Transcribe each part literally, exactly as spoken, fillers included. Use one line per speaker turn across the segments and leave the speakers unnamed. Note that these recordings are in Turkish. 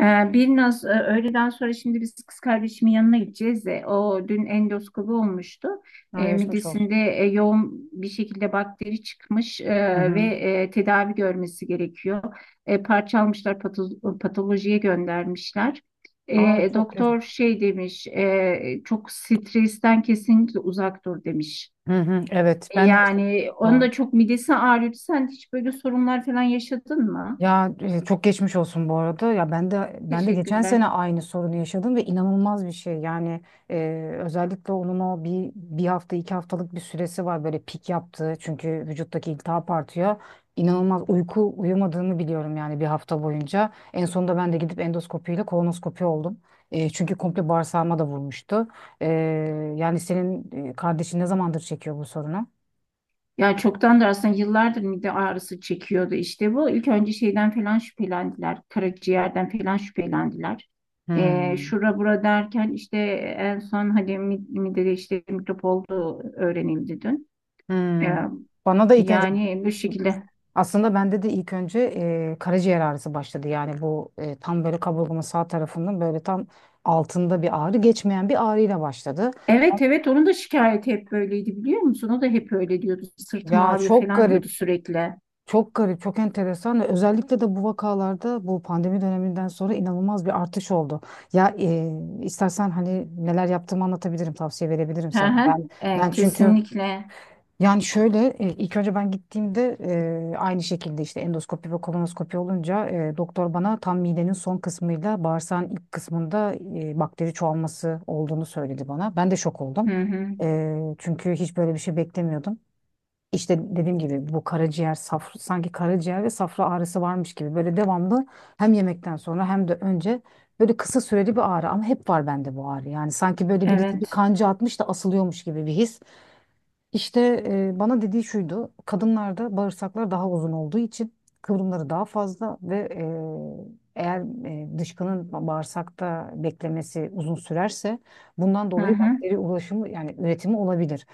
Ee, bir naz e, öğleden sonra şimdi biz kız kardeşimin yanına gideceğiz. de, O dün endoskopi olmuştu.
Ha,
E,
geçmiş olsun.
midesinde e, yoğun bir şekilde bakteri çıkmış e,
Hı
ve
hı.
e, tedavi görmesi gerekiyor. E, parçalmışlar pato- patolojiye göndermişler.
Aa,
E,
çok geç.
doktor şey demiş, e, çok stresten kesinlikle uzak dur demiş.
Hı hı. Evet,
E,
ben de yaşadım.
Yani onun
Doğru.
da çok midesi ağrıyor. Sen hiç böyle sorunlar falan yaşadın mı?
Ya, e, çok geçmiş olsun bu arada. Ya, ben de ben de geçen sene
Teşekkürler.
aynı sorunu yaşadım ve inanılmaz bir şey. Yani, e, özellikle onun o bir bir hafta iki haftalık bir süresi var böyle pik yaptığı çünkü vücuttaki iltihap artıyor. İnanılmaz uyku uyumadığını biliyorum yani bir hafta boyunca. En sonunda ben de gidip endoskopiyle kolonoskopi oldum. E, çünkü komple bağırsağıma da vurmuştu. E, Yani senin e, kardeşin ne zamandır çekiyor bu sorunu?
Ya çoktandır aslında yıllardır mide ağrısı çekiyordu işte bu. İlk önce şeyden falan şüphelendiler. Karaciğerden falan şüphelendiler. Ee,
Hmm.
şura bura derken işte en son hani mi- midede işte mikrop olduğu öğrenildi dün. Ee,
Hmm. Bana da ilk önce
yani bu şekilde.
Aslında bende de ilk önce e, karaciğer ağrısı başladı. Yani bu e, tam böyle kaburgamın sağ tarafının böyle tam altında bir ağrı, geçmeyen bir ağrıyla başladı.
Evet evet, onun da şikayeti hep böyleydi, biliyor musun? O da hep öyle diyordu. Sırtım
Ya,
ağrıyor
çok
falan diyordu
garip,
sürekli.
çok garip, çok enteresan. Ve özellikle de bu vakalarda bu pandemi döneminden sonra inanılmaz bir artış oldu. Ya, e, istersen hani neler yaptığımı anlatabilirim, tavsiye verebilirim
Hı
sana.
hı.
Ben
Ee,
ben çünkü
kesinlikle.
Yani şöyle, e, ilk önce ben gittiğimde, e, aynı şekilde işte endoskopi ve kolonoskopi olunca, e, doktor bana tam midenin son kısmıyla bağırsağın ilk kısmında e, bakteri çoğalması olduğunu söyledi bana. Ben de şok oldum.
Hı hı.
E, çünkü hiç böyle bir şey beklemiyordum. İşte dediğim gibi bu karaciğer, safra, sanki karaciğer ve safra ağrısı varmış gibi böyle devamlı, hem yemekten sonra hem de önce böyle kısa süreli bir ağrı, ama hep var bende bu ağrı. Yani sanki böyle birisi bir
Evet.
kanca atmış da asılıyormuş gibi bir his. İşte, e, bana dediği şuydu. Kadınlarda bağırsaklar daha uzun olduğu için kıvrımları daha fazla, ve e, eğer e, dışkının bağırsakta beklemesi uzun sürerse, bundan
Hı
dolayı
hı.
bakteri ulaşımı, yani üretimi olabilir.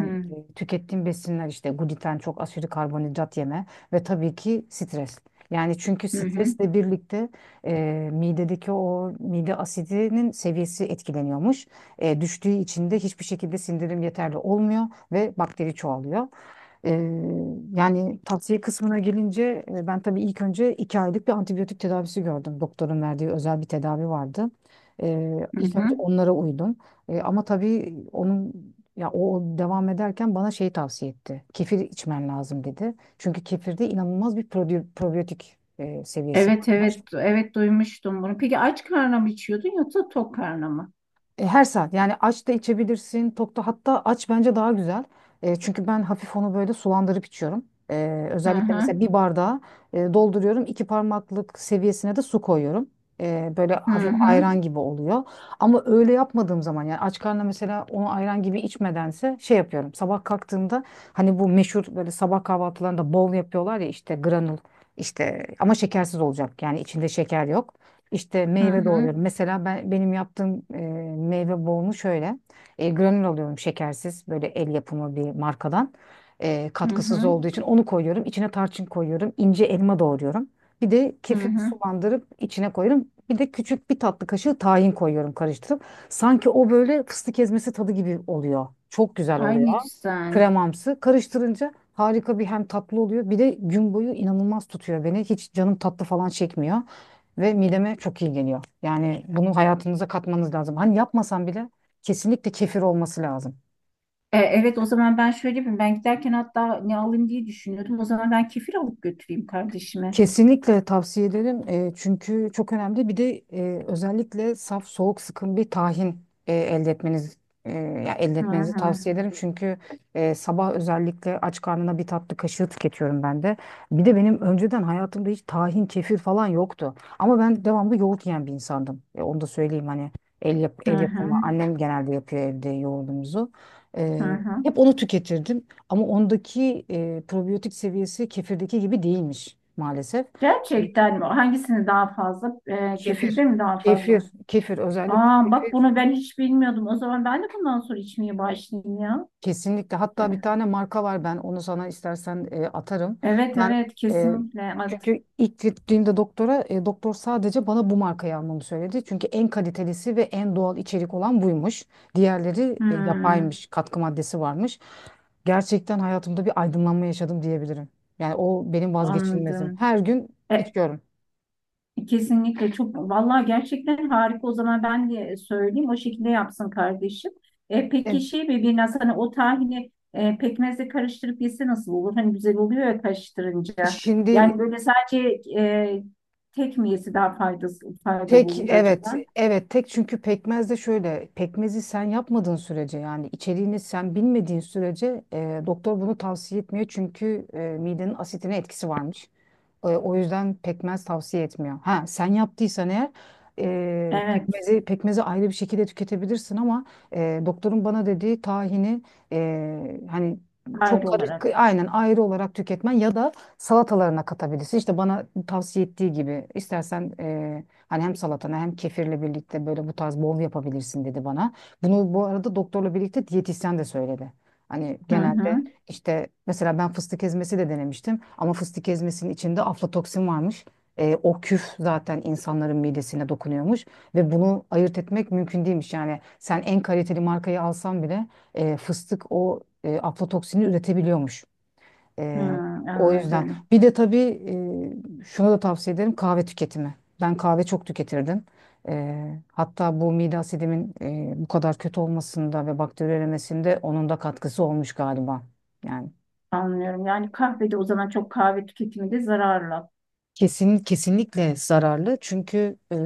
Hı hı.
e, tükettiğim besinler, işte gluten, çok aşırı karbonhidrat yeme, ve tabii ki stres. Yani çünkü
Hı hı.
stresle birlikte e, midedeki o mide asidinin seviyesi etkileniyormuş, e, düştüğü için de hiçbir şekilde sindirim yeterli olmuyor ve bakteri çoğalıyor. Ee, Yani tavsiye kısmına gelince, e, ben tabii ilk önce iki aylık bir antibiyotik tedavisi gördüm. Doktorun verdiği özel bir tedavi vardı. Ee,
Hı
ilk
hı.
önce onlara uydum. Ee, ama tabii onun, ya o o devam ederken bana şey tavsiye etti. Kefir içmen lazım dedi. Çünkü kefirde inanılmaz bir probi- probiyotik e, seviyesi
Evet
var.
evet evet, duymuştum bunu. Peki aç karnına mı içiyordun yoksa tok karnına mı?
E, her saat, yani aç da içebilirsin tok da, hatta aç bence daha güzel. E, çünkü ben hafif onu böyle sulandırıp içiyorum. E,
Hı
özellikle
hı,
mesela bir bardağa e, dolduruyorum, iki parmaklık seviyesine de su koyuyorum. E, böyle
hı
hafif
hı,
ayran gibi oluyor. Ama öyle yapmadığım zaman, yani aç karnına mesela, onu ayran gibi içmedense şey yapıyorum. Sabah kalktığımda, hani bu meşhur böyle sabah kahvaltılarında bol yapıyorlar ya, işte granul, işte ama şekersiz olacak, yani içinde şeker yok. İşte
hı
meyve
hı,
doğruyorum. Mesela ben, benim yaptığım e, meyve bolunu şöyle: e, granül alıyorum, şekersiz, böyle el yapımı bir markadan. E,
hı
katkısız
hı.
olduğu için onu koyuyorum. İçine tarçın koyuyorum. İnce elma doğruyorum. Bir de
Hı
kefir
hı.
sulandırıp içine koyuyorum. Bir de küçük bir tatlı kaşığı tahin koyuyorum, karıştırıp. Sanki o böyle fıstık ezmesi tadı gibi oluyor. Çok güzel
Ay
oluyor.
ne güzel.
Kremamsı. Karıştırınca harika bir, hem tatlı oluyor. Bir de gün boyu inanılmaz tutuyor beni. Hiç canım tatlı falan çekmiyor. Ve mideme çok iyi geliyor. Yani bunu hayatınıza katmanız lazım. Hani yapmasam bile kesinlikle kefir olması lazım.
E, evet, o zaman ben şöyle yapayım. Ben giderken hatta ne alayım diye düşünüyordum. O zaman ben kefir alıp götüreyim kardeşime.
Kesinlikle tavsiye ederim. E, çünkü çok önemli. Bir de e, özellikle saf, soğuk, sıkım bir tahin e, elde etmeniz e, ya elde
Hı
etmenizi
hı,
tavsiye ederim. Çünkü e, sabah özellikle aç karnına bir tatlı kaşığı tüketiyorum ben de. Bir de benim önceden hayatımda hiç tahin, kefir falan yoktu. Ama ben devamlı yoğurt yiyen bir insandım. E, onu da söyleyeyim, hani el, yap,
hı
el yapımı.
hı,
Annem genelde yapıyor evde yoğurdumuzu.
hı.
E,
Hı.
hep onu tüketirdim. Ama ondaki e, probiyotik seviyesi kefirdeki gibi değilmiş maalesef.
Gerçekten mi? Hangisini daha fazla? E, kefirde
Kefir.
mi daha fazla?
Kefir. Kefir, özellikle
Aa bak,
kefir.
bunu ben hiç bilmiyordum. O zaman ben de bundan sonra içmeye başlayayım ya.
Kesinlikle. Hatta bir tane marka var, ben onu sana istersen e, atarım.
Evet
Ben
evet,
e,
kesinlikle.
Çünkü ilk gittiğimde doktora, e, doktor sadece bana bu markayı almamı söyledi. Çünkü en kalitelisi ve en doğal içerik olan buymuş. Diğerleri e,
Hmm,
yapaymış, katkı maddesi varmış. Gerçekten hayatımda bir aydınlanma yaşadım diyebilirim. Yani o benim vazgeçilmezim.
anladım.
Her gün
E,
içiyorum.
Kesinlikle çok, vallahi gerçekten harika. O zaman ben de söyleyeyim, o şekilde yapsın kardeşim. E,
E,
peki şey mi, bir nasıl, hani o tahini e, pekmezle karıştırıp yese nasıl olur? Hani güzel oluyor ya karıştırınca. Yani
Şimdi.
böyle sadece e, tek mi yesi daha faydası, faydalı
Tek,
olur
evet
acaba?
evet, tek, çünkü pekmez de şöyle, pekmezi sen yapmadığın sürece, yani içeriğini sen bilmediğin sürece e, doktor bunu tavsiye etmiyor, çünkü e, midenin asitine etkisi varmış. E, O yüzden pekmez tavsiye etmiyor. Ha, sen yaptıysan eğer e,
Evet,
pekmezi pekmezi ayrı bir şekilde tüketebilirsin, ama e, doktorun bana dediği, tahini e, hani çok
ayrı olarak.
karışık, aynen, ayrı olarak tüketmen, ya da salatalarına katabilirsin. İşte bana tavsiye ettiği gibi, istersen e, hani hem salatana hem kefirle birlikte böyle bu tarz bol yapabilirsin dedi bana. Bunu bu arada doktorla birlikte diyetisyen de söyledi. Hani
Hı hı.
genelde, işte mesela ben fıstık ezmesi de denemiştim ama fıstık ezmesinin içinde aflatoksin varmış. E, o küf zaten insanların midesine dokunuyormuş ve bunu ayırt etmek mümkün değilmiş. Yani sen en kaliteli markayı alsan bile e, fıstık o e, aflatoksini üretebiliyormuş.
Hı,
E, O yüzden
anladım.
bir de tabii e, şuna da tavsiye ederim, kahve tüketimi. Ben kahve çok tüketirdim. E, hatta bu mide asidimin e, bu kadar kötü olmasında ve bakteri üremesinde onun da katkısı olmuş galiba. Yani.
Anlıyorum. Yani kahvede o zaman, çok kahve tüketimi de zararlı.
Kesin, kesinlikle zararlı, çünkü e,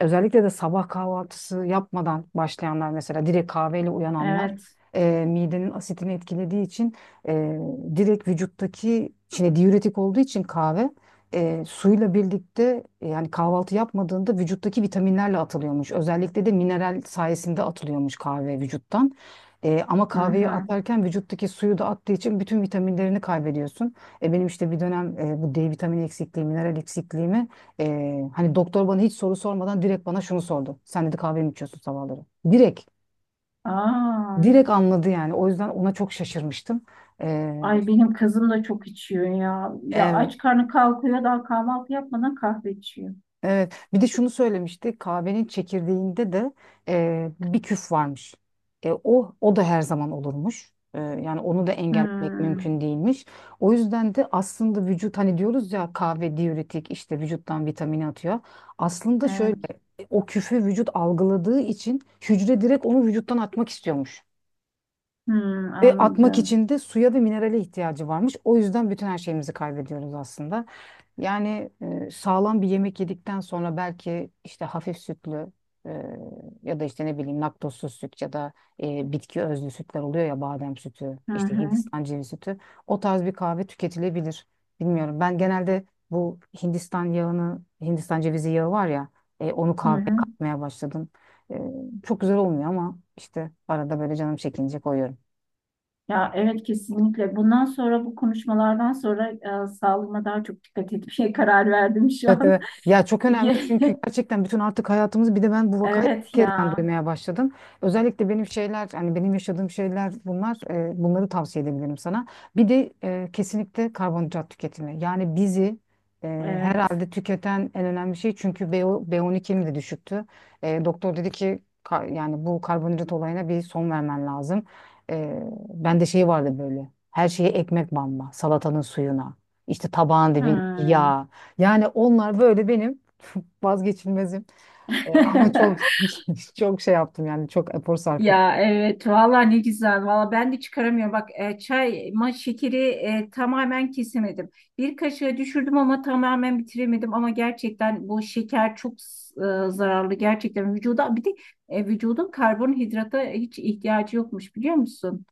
özellikle de sabah kahvaltısı yapmadan başlayanlar, mesela direkt kahveyle uyananlar,
Evet.
e, midenin asitini etkilediği için, e, direkt vücuttaki, şimdi diüretik olduğu için kahve, e, suyla birlikte, e, yani kahvaltı yapmadığında vücuttaki vitaminlerle atılıyormuş. Özellikle de mineral sayesinde atılıyormuş kahve vücuttan. E, ama
Hı
kahveyi
hı.
atarken vücuttaki suyu da attığı için bütün vitaminlerini kaybediyorsun. E, benim işte bir dönem e, bu D vitamini eksikliği, mineral eksikliğimi, e, hani doktor bana hiç soru sormadan direkt bana şunu sordu: sen dedi kahve mi içiyorsun sabahları? Direkt.
Aa,
Direkt anladı yani. O yüzden ona çok şaşırmıştım. E,
ay benim kızım da çok içiyor ya. Ya
evet,
aç karnı kalkıyor, daha kahvaltı yapmadan kahve içiyor.
evet. Bir de şunu söylemişti. Kahvenin çekirdeğinde de e, bir küf varmış. E, o o da her zaman olurmuş. E, yani onu da engellemek
Hmm,
mümkün değilmiş. O yüzden de aslında vücut, hani diyoruz ya kahve diüretik, işte vücuttan vitamini atıyor. Aslında şöyle:
evet.
o küfe vücut algıladığı için hücre direkt onu vücuttan atmak istiyormuş.
Hmm,
Ve atmak
anladım.
için de suya ve minerale ihtiyacı varmış. O yüzden bütün her şeyimizi kaybediyoruz aslında. Yani e, sağlam bir yemek yedikten sonra, belki işte hafif sütlü, e, ya da işte ne bileyim laktozsuz süt, ya da e, bitki özlü sütler oluyor ya, badem sütü,
Hı
işte
hı.
Hindistan cevizi sütü. O tarz bir kahve tüketilebilir. Bilmiyorum. Ben genelde bu Hindistan yağını, Hindistan cevizi yağı var ya, e, onu
Hı
kahveye
hı.
katmaya başladım. E, Çok güzel olmuyor, ama işte arada böyle canım çekince koyuyorum.
Ya evet, kesinlikle. Bundan sonra bu konuşmalardan sonra e, sağlığıma daha çok dikkat etmeye karar verdim şu
Evet,
an.
evet. Ya çok önemli, çünkü gerçekten bütün artık hayatımız, bir de ben bu vakayı ilk
Evet
kezden
ya.
duymaya başladım. Özellikle benim şeyler, hani benim yaşadığım şeyler bunlar, e, bunları tavsiye edebilirim sana. Bir de e, kesinlikle karbonhidrat tüketimi. Yani bizi e,
Evet.
herhalde tüketen en önemli şey, çünkü B, be on ikim de düşüktü. E, doktor dedi ki, ka- yani bu karbonhidrat olayına bir son vermen lazım. E, Ben de, şey vardı, böyle her şeye ekmek banma, salatanın suyuna, işte tabağın dibindeki
Hmm.
yağ. Yani onlar böyle benim vazgeçilmezim. E, ama çok çok şey yaptım, yani çok efor sarf ettim.
Ya evet valla, ne güzel valla. Ben de çıkaramıyorum bak, e, çay ma şekeri e, tamamen kesemedim, bir kaşığa düşürdüm ama tamamen bitiremedim. Ama gerçekten bu şeker çok e, zararlı gerçekten vücuda. Bir de e, vücudun karbonhidrata hiç ihtiyacı yokmuş, biliyor musun?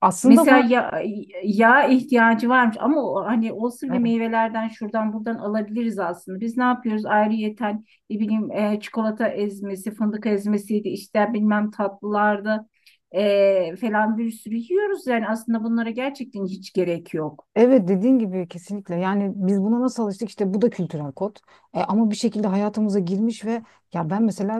Aslında
Mesela
ama,
ya, yağ ihtiyacı varmış ama o, hani olsun bile,
e,
meyvelerden şuradan buradan alabiliriz aslında. Biz ne yapıyoruz? Ayrıyeten ne bileyim, e, çikolata ezmesi, fındık ezmesiydi, işte bilmem tatlılarda falan bir sürü yiyoruz. Yani aslında bunlara gerçekten hiç gerek yok.
evet, dediğin gibi kesinlikle, yani biz buna nasıl alıştık, işte bu da kültürel kod. E, ama bir şekilde hayatımıza girmiş ve ya ben mesela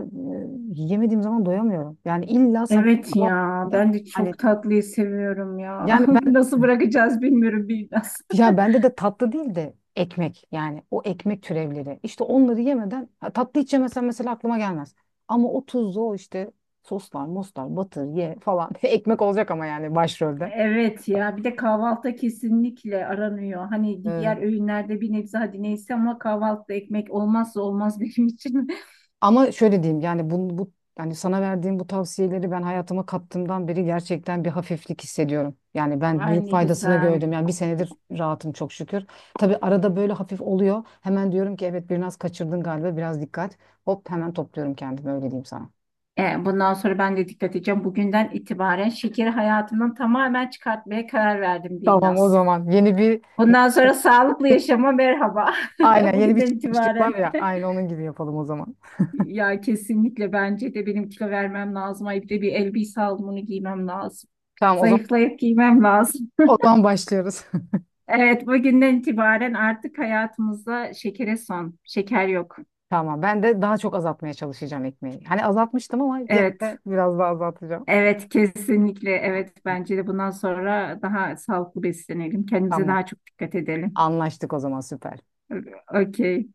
e, yemediğim zaman doyamıyorum. Yani illa sabah
Evet ya,
kahvaltıda,
ben de
hani,
çok tatlıyı seviyorum ya.
yani ben.
Nasıl bırakacağız bilmiyorum biraz.
Ya, bende de tatlı değil de ekmek, yani o ekmek türevleri. İşte onları yemeden, ha, tatlı hiç yemesen mesela aklıma gelmez. Ama o tuzlu, o işte soslar, moslar, batır, ye falan. Ekmek olacak ama, yani başrolde.
Evet ya, bir de kahvaltıda kesinlikle aranıyor. Hani
Ee,
diğer öğünlerde bir nebze hadi neyse, ama kahvaltıda ekmek olmazsa olmaz benim için.
Ama şöyle diyeyim, yani bu, bu, yani sana verdiğim bu tavsiyeleri ben hayatıma kattığımdan beri gerçekten bir hafiflik hissediyorum. Yani ben
Ay
büyük
ne
faydasını
güzel.
gördüm. Yani bir senedir rahatım çok şükür. Tabii arada böyle hafif oluyor. Hemen diyorum ki, evet, biraz kaçırdın galiba, biraz dikkat. Hop, hemen topluyorum kendimi, öyle diyeyim sana.
E, bundan sonra ben de dikkat edeceğim. Bugünden itibaren şekeri hayatımdan tamamen çıkartmaya karar verdim,
Tamam, o
Birnaz.
zaman yeni bir
Bundan sonra sağlıklı yaşama merhaba.
aynen yeni bir
Bugünden
çıkmışlık var
itibaren.
ya, aynı onun gibi yapalım o zaman.
Ya kesinlikle, bence de benim kilo vermem lazım. Ay bir de bir elbise alımını giymem lazım.
Tamam, o zaman
Zayıflayıp giymem lazım.
o zaman başlıyoruz.
Evet, bugünden itibaren artık hayatımızda şekere son, şeker yok.
Tamam, ben de daha çok azaltmaya çalışacağım ekmeği. Hani azaltmıştım ama gene
Evet,
de biraz daha azaltacağım.
evet kesinlikle, evet bence de bundan sonra daha sağlıklı beslenelim, kendimize
Tamam,
daha çok dikkat edelim.
anlaştık o zaman, süper.
Okey.